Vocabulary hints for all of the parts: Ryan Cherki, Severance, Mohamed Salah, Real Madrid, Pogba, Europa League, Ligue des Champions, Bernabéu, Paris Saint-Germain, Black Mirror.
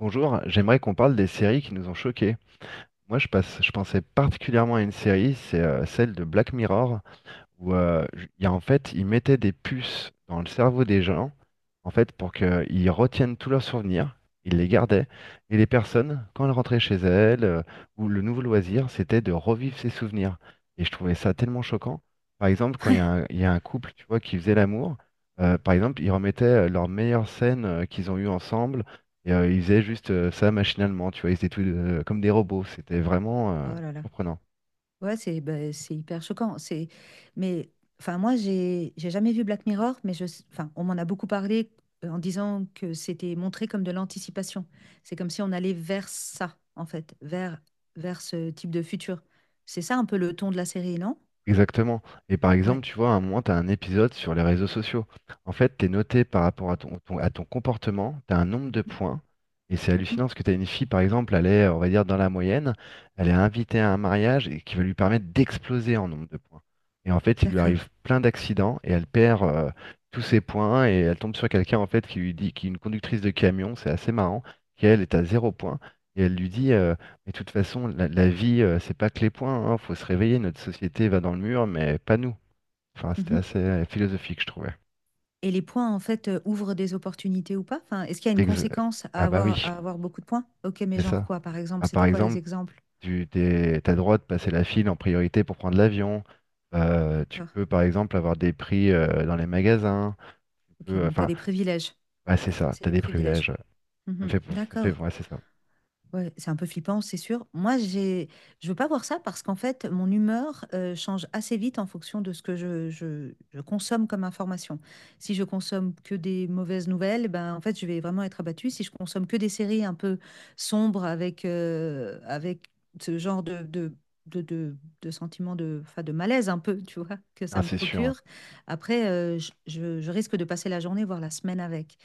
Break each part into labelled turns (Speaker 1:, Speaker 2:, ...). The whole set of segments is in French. Speaker 1: Bonjour, j'aimerais qu'on parle des séries qui nous ont choqués. Moi, je passe, je pensais particulièrement à une série, c'est celle de Black Mirror où il y a, en fait, ils mettaient des puces dans le cerveau des gens, en fait, pour qu'ils retiennent tous leurs souvenirs, ils les gardaient, et les personnes, quand elles rentraient chez elles, ou le nouveau loisir, c'était de revivre ces souvenirs. Et je trouvais ça tellement choquant. Par exemple, quand il y a un couple, tu vois, qui faisait l'amour, par exemple, ils remettaient leurs meilleures scènes qu'ils ont eues ensemble, et ils faisaient juste ça machinalement, tu vois, ils étaient tous, comme des robots, c'était vraiment
Speaker 2: Oh là là.
Speaker 1: surprenant.
Speaker 2: Ouais, c'est bah, c'est hyper choquant. C'est mais enfin moi j'ai jamais vu Black Mirror, mais enfin on m'en a beaucoup parlé en disant que c'était montré comme de l'anticipation. C'est comme si on allait vers ça en fait, vers ce type de futur. C'est ça un peu le ton de la série, non?
Speaker 1: Exactement. Et par exemple,
Speaker 2: Ouais.
Speaker 1: tu vois, à un moment, tu as un épisode sur les réseaux sociaux. En fait, tu es noté par rapport à à ton comportement, tu as un nombre de
Speaker 2: Mhm.
Speaker 1: points. Et c'est
Speaker 2: Mhm.
Speaker 1: hallucinant parce que tu as une fille, par exemple, elle est, on va dire, dans la moyenne, elle est invitée à un mariage et qui va lui permettre d'exploser en nombre de points. Et en fait, il lui
Speaker 2: D'accord.
Speaker 1: arrive plein d'accidents et elle perd tous ses points, et elle tombe sur quelqu'un, en fait, qui lui dit, qui est une conductrice de camion, c'est assez marrant, qui elle est à zéro point. Et elle lui dit, et de toute façon, la vie, c'est pas que les points, hein, faut se réveiller, notre société va dans le mur, mais pas nous. Enfin, c'était
Speaker 2: Mhm.
Speaker 1: assez philosophique, je trouvais.
Speaker 2: Et les points en fait ouvrent des opportunités ou pas? Enfin, est-ce qu'il y a une
Speaker 1: Ex-
Speaker 2: conséquence à
Speaker 1: ah, bah oui,
Speaker 2: avoir à avoir beaucoup de points? Ok, mais
Speaker 1: c'est
Speaker 2: genre
Speaker 1: ça.
Speaker 2: quoi par exemple?
Speaker 1: Ah,
Speaker 2: C'était
Speaker 1: par
Speaker 2: quoi les
Speaker 1: exemple,
Speaker 2: exemples?
Speaker 1: t'as le droit de passer la file en priorité pour prendre l'avion. Tu
Speaker 2: D'accord.
Speaker 1: peux, par exemple, avoir des prix dans les magasins. Tu
Speaker 2: Ok,
Speaker 1: peux,
Speaker 2: donc tu as
Speaker 1: enfin,
Speaker 2: des privilèges.
Speaker 1: ouais, c'est ça,
Speaker 2: C'est
Speaker 1: t'as
Speaker 2: des
Speaker 1: des privilèges.
Speaker 2: privilèges.
Speaker 1: Ça me
Speaker 2: Mhm.
Speaker 1: fait, ça me fait,
Speaker 2: D'accord.
Speaker 1: ouais, c'est ça.
Speaker 2: Ouais, c'est un peu flippant, c'est sûr. Moi, je veux pas voir ça parce qu'en fait, mon humeur change assez vite en fonction de ce que je consomme comme information. Si je consomme que des mauvaises nouvelles, ben en fait, je vais vraiment être abattue. Si je consomme que des séries un peu sombres avec ce genre de, de, de sentiment de, enfin, de malaise un peu, tu vois, que
Speaker 1: Ah,
Speaker 2: ça me
Speaker 1: c'est sûr, hein.
Speaker 2: procure. Après, je risque de passer la journée, voire la semaine avec.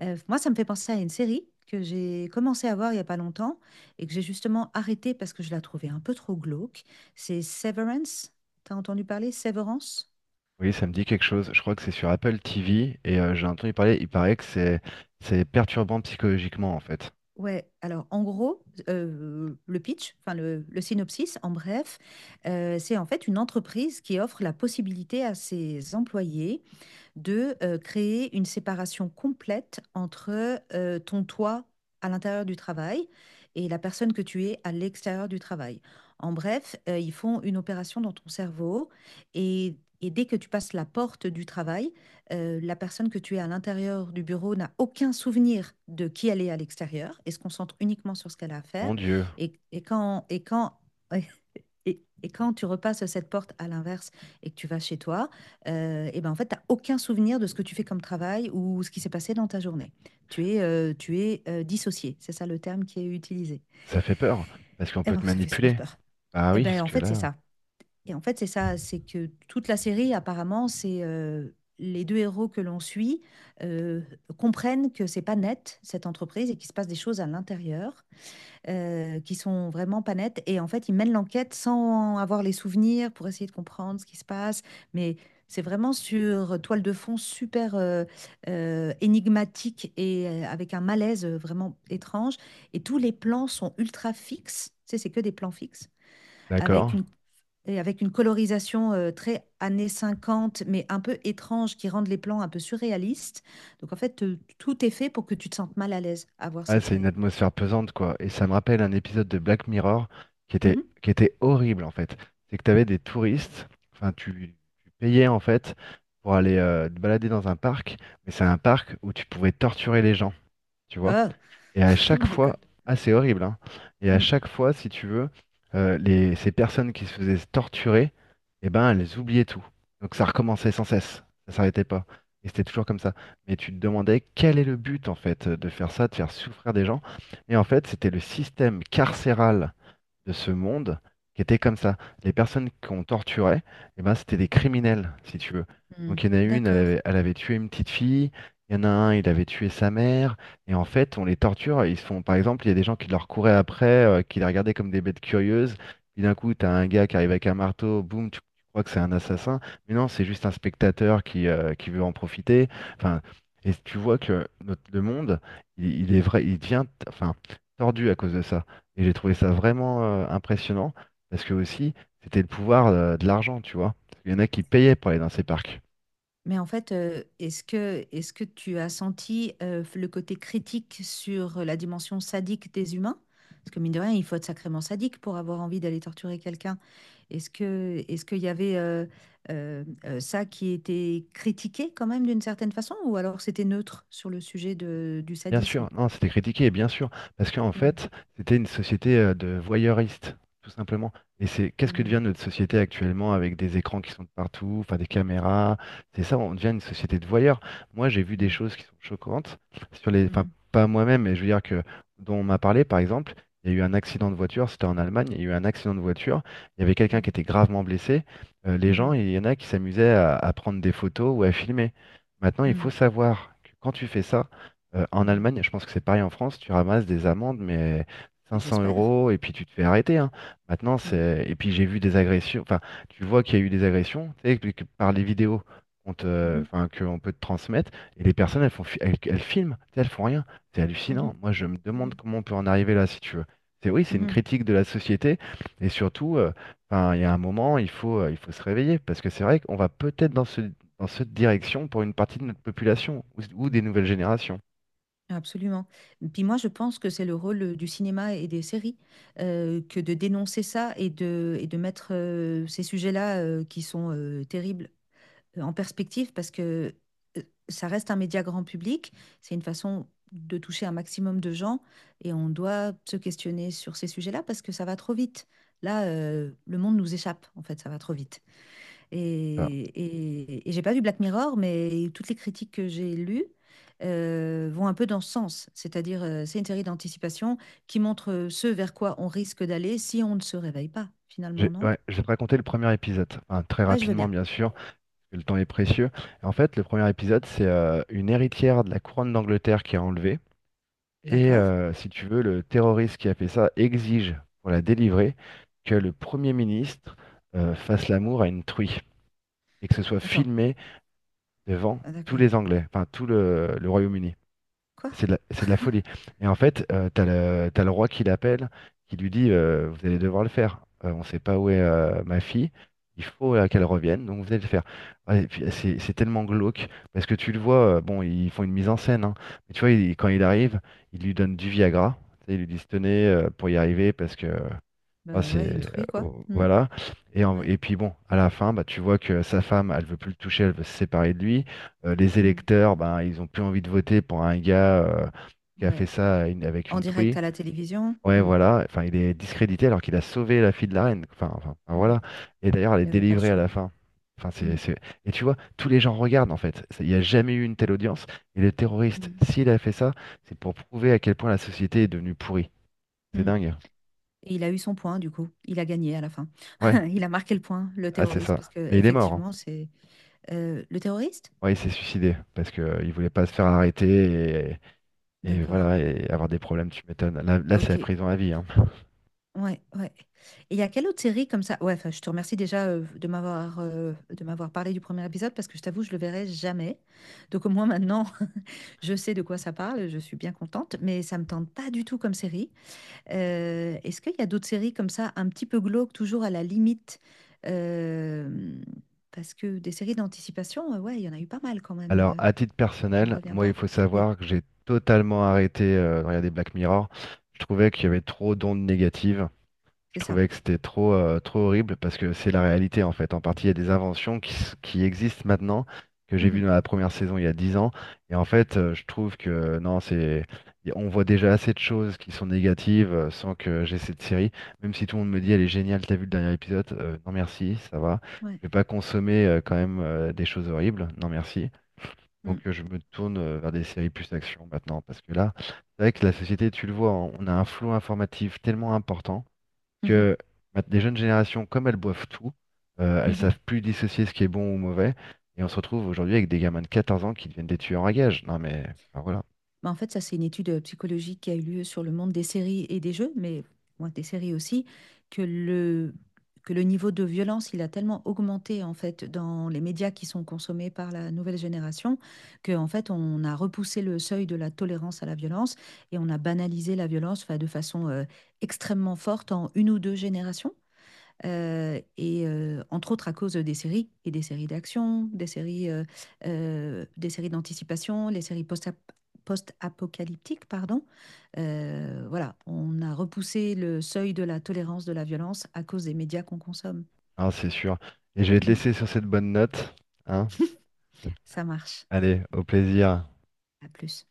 Speaker 2: Moi, ça me fait penser à une série que j'ai commencé à voir il n'y a pas longtemps et que j'ai justement arrêtée parce que je la trouvais un peu trop glauque. C'est Severance. T'as entendu parler? Severance?
Speaker 1: Oui, ça me dit quelque chose. Je crois que c'est sur Apple TV et j'ai entendu parler, il paraît que c'est perturbant psychologiquement, en fait.
Speaker 2: Ouais, alors en gros, le pitch, enfin le synopsis, en bref, c'est en fait une entreprise qui offre la possibilité à ses employés de créer une séparation complète entre ton toi à l'intérieur du travail et la personne que tu es à l'extérieur du travail. En bref, ils font une opération dans ton cerveau et dès que tu passes la porte du travail, la personne que tu es à l'intérieur du bureau n'a aucun souvenir de qui elle est à l'extérieur et se concentre uniquement sur ce qu'elle a à faire.
Speaker 1: Mon Dieu,
Speaker 2: Et, et quand, et quand, et quand tu repasses cette porte à l'inverse et que tu vas chez toi, et ben, en fait, tu as aucun souvenir de ce que tu fais comme travail ou ce qui s'est passé dans ta journée. Tu es, dissocié, c'est ça le terme qui est utilisé.
Speaker 1: ça fait peur, parce qu'on
Speaker 2: Et
Speaker 1: peut
Speaker 2: ben,
Speaker 1: te
Speaker 2: ça fait super
Speaker 1: manipuler.
Speaker 2: peur.
Speaker 1: Ah
Speaker 2: Et
Speaker 1: oui,
Speaker 2: ben
Speaker 1: parce
Speaker 2: en
Speaker 1: que
Speaker 2: fait, c'est
Speaker 1: là,
Speaker 2: ça et en fait, c'est ça, c'est que toute la série apparemment, c'est, les 2 héros que l'on suit, heu, comprennent que c'est pas net, cette entreprise et qu'il se passe des choses à l'intérieur qui sont vraiment pas nettes. Et en fait, ils mènent l'enquête sans avoir les souvenirs pour essayer de comprendre ce qui se passe. Mais c'est vraiment sur toile de fond super énigmatique et avec un malaise vraiment étrange. Et tous les plans sont ultra fixes. Tu sais, c'est que des plans fixes avec
Speaker 1: d'accord.
Speaker 2: une avec une colorisation très années 50, mais un peu étrange, qui rendent les plans un peu surréalistes. Donc en fait, tout est fait pour que tu te sentes mal à l'aise à voir
Speaker 1: Ah,
Speaker 2: cette
Speaker 1: c'est une
Speaker 2: série.
Speaker 1: atmosphère pesante, quoi. Et ça me rappelle un épisode de Black Mirror
Speaker 2: Mhm.
Speaker 1: qui était horrible, en fait. C'est que tu avais des touristes, enfin, tu payais, en fait, pour aller te balader dans un parc, mais c'est un parc où tu pouvais torturer les gens, tu vois.
Speaker 2: Oh,
Speaker 1: Et à chaque
Speaker 2: my God.
Speaker 1: fois, ah, c'est horrible, hein. Et à
Speaker 2: Mm,
Speaker 1: chaque fois, si tu veux, ces personnes qui se faisaient torturer, eh ben, elles oubliaient tout. Donc ça recommençait sans cesse, ça s'arrêtait pas. Et c'était toujours comme ça. Mais tu te demandais quel est le but, en fait, de faire ça, de faire souffrir des gens. Et en fait, c'était le système carcéral de ce monde qui étaient comme ça. Les personnes qu'on torturait, eh ben, c'était des criminels, si tu veux.
Speaker 2: mm,
Speaker 1: Donc il y en a une,
Speaker 2: d'accord.
Speaker 1: elle avait tué une petite fille, il y en a un, il avait tué sa mère, et en fait, on les torture, ils se font, par exemple, il y a des gens qui leur couraient après, qui les regardaient comme des bêtes curieuses, puis d'un coup, t'as un gars qui arrive avec un marteau, boum, tu crois que c'est un assassin, mais non, c'est juste un spectateur qui veut en profiter. Enfin, et tu vois que le monde, il est vrai, il devient, enfin, tordu à cause de ça. Et j'ai trouvé ça vraiment impressionnant, parce que aussi, c'était le pouvoir de l'argent, tu vois. Il y en a qui payaient pour aller dans ces parcs.
Speaker 2: Mais en fait, est-ce que tu as senti le côté critique sur la dimension sadique des humains? Parce que mine de rien, il faut être sacrément sadique pour avoir envie d'aller torturer quelqu'un. Est-ce qu'il y avait ça qui était critiqué quand même d'une certaine façon, ou alors c'était neutre sur le sujet du
Speaker 1: Bien
Speaker 2: sadisme?
Speaker 1: sûr, non, c'était critiqué, bien sûr, parce qu'en
Speaker 2: Mm,
Speaker 1: fait, c'était une société de voyeuristes, tout simplement. Et c'est qu'est-ce que
Speaker 2: mm,
Speaker 1: devient notre société actuellement, avec des écrans qui sont de partout, enfin des caméras, c'est ça, on devient une société de voyeurs. Moi, j'ai vu des
Speaker 2: mm,
Speaker 1: choses qui sont choquantes sur les, enfin
Speaker 2: mhm,
Speaker 1: pas moi-même, mais je veux dire que dont on m'a parlé, par exemple, il y a eu un accident de voiture, c'était en Allemagne, il y a eu un accident de voiture, il y avait quelqu'un qui
Speaker 2: mhm,
Speaker 1: était gravement blessé. Les gens,
Speaker 2: mhm,
Speaker 1: il y en a qui s'amusaient à prendre des photos ou à filmer. Maintenant, il faut
Speaker 2: mhm,
Speaker 1: savoir que quand tu fais ça en
Speaker 2: mhm.
Speaker 1: Allemagne, je pense que c'est pareil en France, tu ramasses des amendes, mais
Speaker 2: Mais
Speaker 1: 500
Speaker 2: j'espère.
Speaker 1: euros, et puis tu te fais arrêter, hein. Maintenant,
Speaker 2: Mhm,
Speaker 1: c'est... Et puis j'ai vu des agressions, enfin, tu vois qu'il y a eu des agressions, tu sais, que par les vidéos qu'on te... enfin, qu'on peut te transmettre, et les personnes, elles font... elles filment, tu sais, elles font rien. C'est
Speaker 2: mhm,
Speaker 1: hallucinant.
Speaker 2: mhm,
Speaker 1: Moi, je me demande
Speaker 2: mhm,
Speaker 1: comment on peut en arriver là, si tu veux. C'est oui, c'est une
Speaker 2: mhm.
Speaker 1: critique de la société, et surtout, enfin, il y a un moment, il faut se réveiller, parce que c'est vrai qu'on va peut-être dans ce... dans cette direction pour une partie de notre population ou des nouvelles générations.
Speaker 2: Absolument. Puis moi, je pense que c'est le rôle du cinéma et des séries que de dénoncer ça et de mettre ces sujets-là qui sont terribles en perspective parce que euh, ça reste un média grand public. C'est une façon de toucher un maximum de gens et on doit se questionner sur ces sujets-là parce que ça va trop vite. Là, le monde nous échappe, en fait, ça va trop vite. Et,
Speaker 1: Ça.
Speaker 2: et, et j'ai pas vu Black Mirror, mais toutes les critiques que j'ai lues vont un peu dans ce sens. C'est-à-dire, c'est une série d'anticipation qui montre ce vers quoi on risque d'aller si on ne se réveille pas,
Speaker 1: J'ai
Speaker 2: finalement, non?
Speaker 1: ouais, je vais te raconter le premier épisode, enfin, très
Speaker 2: Ouais, je veux
Speaker 1: rapidement
Speaker 2: bien.
Speaker 1: bien sûr, parce que le temps est précieux. En fait, le premier épisode, c'est une héritière de la couronne d'Angleterre qui est enlevée. Et
Speaker 2: D'accord.
Speaker 1: si tu veux, le terroriste qui a fait ça exige, pour la délivrer, que le Premier ministre fasse l'amour à une truie et que ce soit
Speaker 2: Attends.
Speaker 1: filmé devant
Speaker 2: Ah,
Speaker 1: tous
Speaker 2: d'accord.
Speaker 1: les Anglais, enfin tout le Royaume-Uni.
Speaker 2: Quoi?
Speaker 1: C'est de la folie. Et en fait, t'as le roi qui l'appelle, qui lui dit vous allez devoir le faire. On sait pas où est ma fille. Il faut qu'elle revienne, donc vous allez le faire. Ouais, et puis, c'est tellement glauque, parce que tu le vois, bon, ils font une mise en scène, hein. Mais tu vois, quand il arrive, il lui donne du Viagra. Tu sais, ils lui disent tenez, pour y arriver, parce que ah,
Speaker 2: Bah
Speaker 1: c'est
Speaker 2: ouais, une truie, quoi.
Speaker 1: oh,
Speaker 2: Hmm.
Speaker 1: voilà.
Speaker 2: Ouais.
Speaker 1: Et puis bon, à la fin, bah, tu vois que sa femme, elle veut plus le toucher, elle veut se séparer de lui. Les
Speaker 2: Hmm.
Speaker 1: électeurs ben ils ont plus envie de voter pour un gars qui a
Speaker 2: Ouais.
Speaker 1: fait ça à une- avec
Speaker 2: En
Speaker 1: une
Speaker 2: direct
Speaker 1: truie.
Speaker 2: à la télévision.
Speaker 1: Ouais
Speaker 2: Hmm.
Speaker 1: voilà, enfin il est discrédité alors qu'il a sauvé la fille de la reine, enfin, enfin, enfin,
Speaker 2: Hmm.
Speaker 1: voilà. Et d'ailleurs elle
Speaker 2: Il
Speaker 1: est
Speaker 2: n'avait pas le
Speaker 1: délivrée à
Speaker 2: choix.
Speaker 1: la fin, enfin
Speaker 2: Hmm.
Speaker 1: et tu vois tous les gens regardent, en fait. Il n'y a jamais eu une telle audience, et le terroriste,
Speaker 2: Hmm.
Speaker 1: s'il a fait ça, c'est pour prouver à quel point la société est devenue pourrie. C'est
Speaker 2: Hmm.
Speaker 1: dingue.
Speaker 2: Et il a eu son point, du coup. Il a gagné à la fin.
Speaker 1: Ouais,
Speaker 2: Il a marqué le point, le
Speaker 1: ah c'est
Speaker 2: terroriste,
Speaker 1: ça,
Speaker 2: parce que
Speaker 1: mais il est mort, hein.
Speaker 2: effectivement, c'est le terroriste?
Speaker 1: Ouais, il s'est suicidé parce que il voulait pas se faire arrêter, et
Speaker 2: D'accord.
Speaker 1: voilà, et avoir des problèmes, tu m'étonnes. Là, c'est la
Speaker 2: Ok.
Speaker 1: prison à vie, hein.
Speaker 2: Ouais, ouais. Et il y a quelle autre série comme ça? Ouais, enfin, je te remercie déjà de m'avoir parlé du premier épisode parce que je t'avoue, je le verrai jamais. Donc au moins maintenant, je sais de quoi ça parle, je suis bien contente, mais ça me tente pas du tout comme série. Est-ce qu'il y a d'autres séries comme ça, un petit peu glauques, toujours à la limite. Euh, Parce que des séries d'anticipation, ouais, il y en a eu pas mal quand même.
Speaker 1: Alors, à titre
Speaker 2: On ne
Speaker 1: personnel,
Speaker 2: revient
Speaker 1: moi, il
Speaker 2: pas?
Speaker 1: faut
Speaker 2: Oui,
Speaker 1: savoir que j'ai totalement arrêté de regarder Black Mirror. Je trouvais qu'il y avait trop d'ondes négatives. Je
Speaker 2: c'est ça.
Speaker 1: trouvais que c'était trop horrible, parce que c'est la réalité en fait. En partie, il y a des inventions qui existent maintenant, que j'ai vues
Speaker 2: Mhm.
Speaker 1: dans la première saison il y a 10 ans. Et en fait, je trouve que non, on voit déjà assez de choses qui sont négatives sans que j'ai cette série. Même si tout le monde me dit elle est géniale, t'as vu le dernier épisode? Non merci, ça va.
Speaker 2: Ouais.
Speaker 1: Je vais pas consommer quand même des choses horribles. Non merci.
Speaker 2: Mm.
Speaker 1: Donc je me tourne vers des séries plus action maintenant, parce que là, c'est vrai que la société, tu le vois, on a un flot informatif tellement important
Speaker 2: Mhm.
Speaker 1: que les jeunes générations, comme elles boivent tout, elles
Speaker 2: Mhm.
Speaker 1: savent plus dissocier ce qui est bon ou mauvais. Et on se retrouve aujourd'hui avec des gamins de 14 ans qui deviennent des tueurs à gages. Non mais enfin, voilà.
Speaker 2: Bah, en fait, ça, c'est une étude psychologique qui a eu lieu sur le monde des séries et des jeux, mais ouais, des séries aussi, que le, que le niveau de violence, il a tellement augmenté en fait dans les médias qui sont consommés par la nouvelle génération, que en fait, on a repoussé le seuil de la tolérance à la violence et on a banalisé la violence enfin, de façon extrêmement forte en une ou deux générations. Et entre autres à cause des séries et des séries d'action, des séries d'anticipation, les séries post-apocalyptiques, pardon. Voilà, on a repoussé le seuil de la tolérance de la violence à cause des médias qu'on consomme.
Speaker 1: Hein, c'est sûr. Et je vais te
Speaker 2: Mm.
Speaker 1: laisser sur cette bonne note. Hein.
Speaker 2: Ça marche.
Speaker 1: Allez, au plaisir.
Speaker 2: À plus.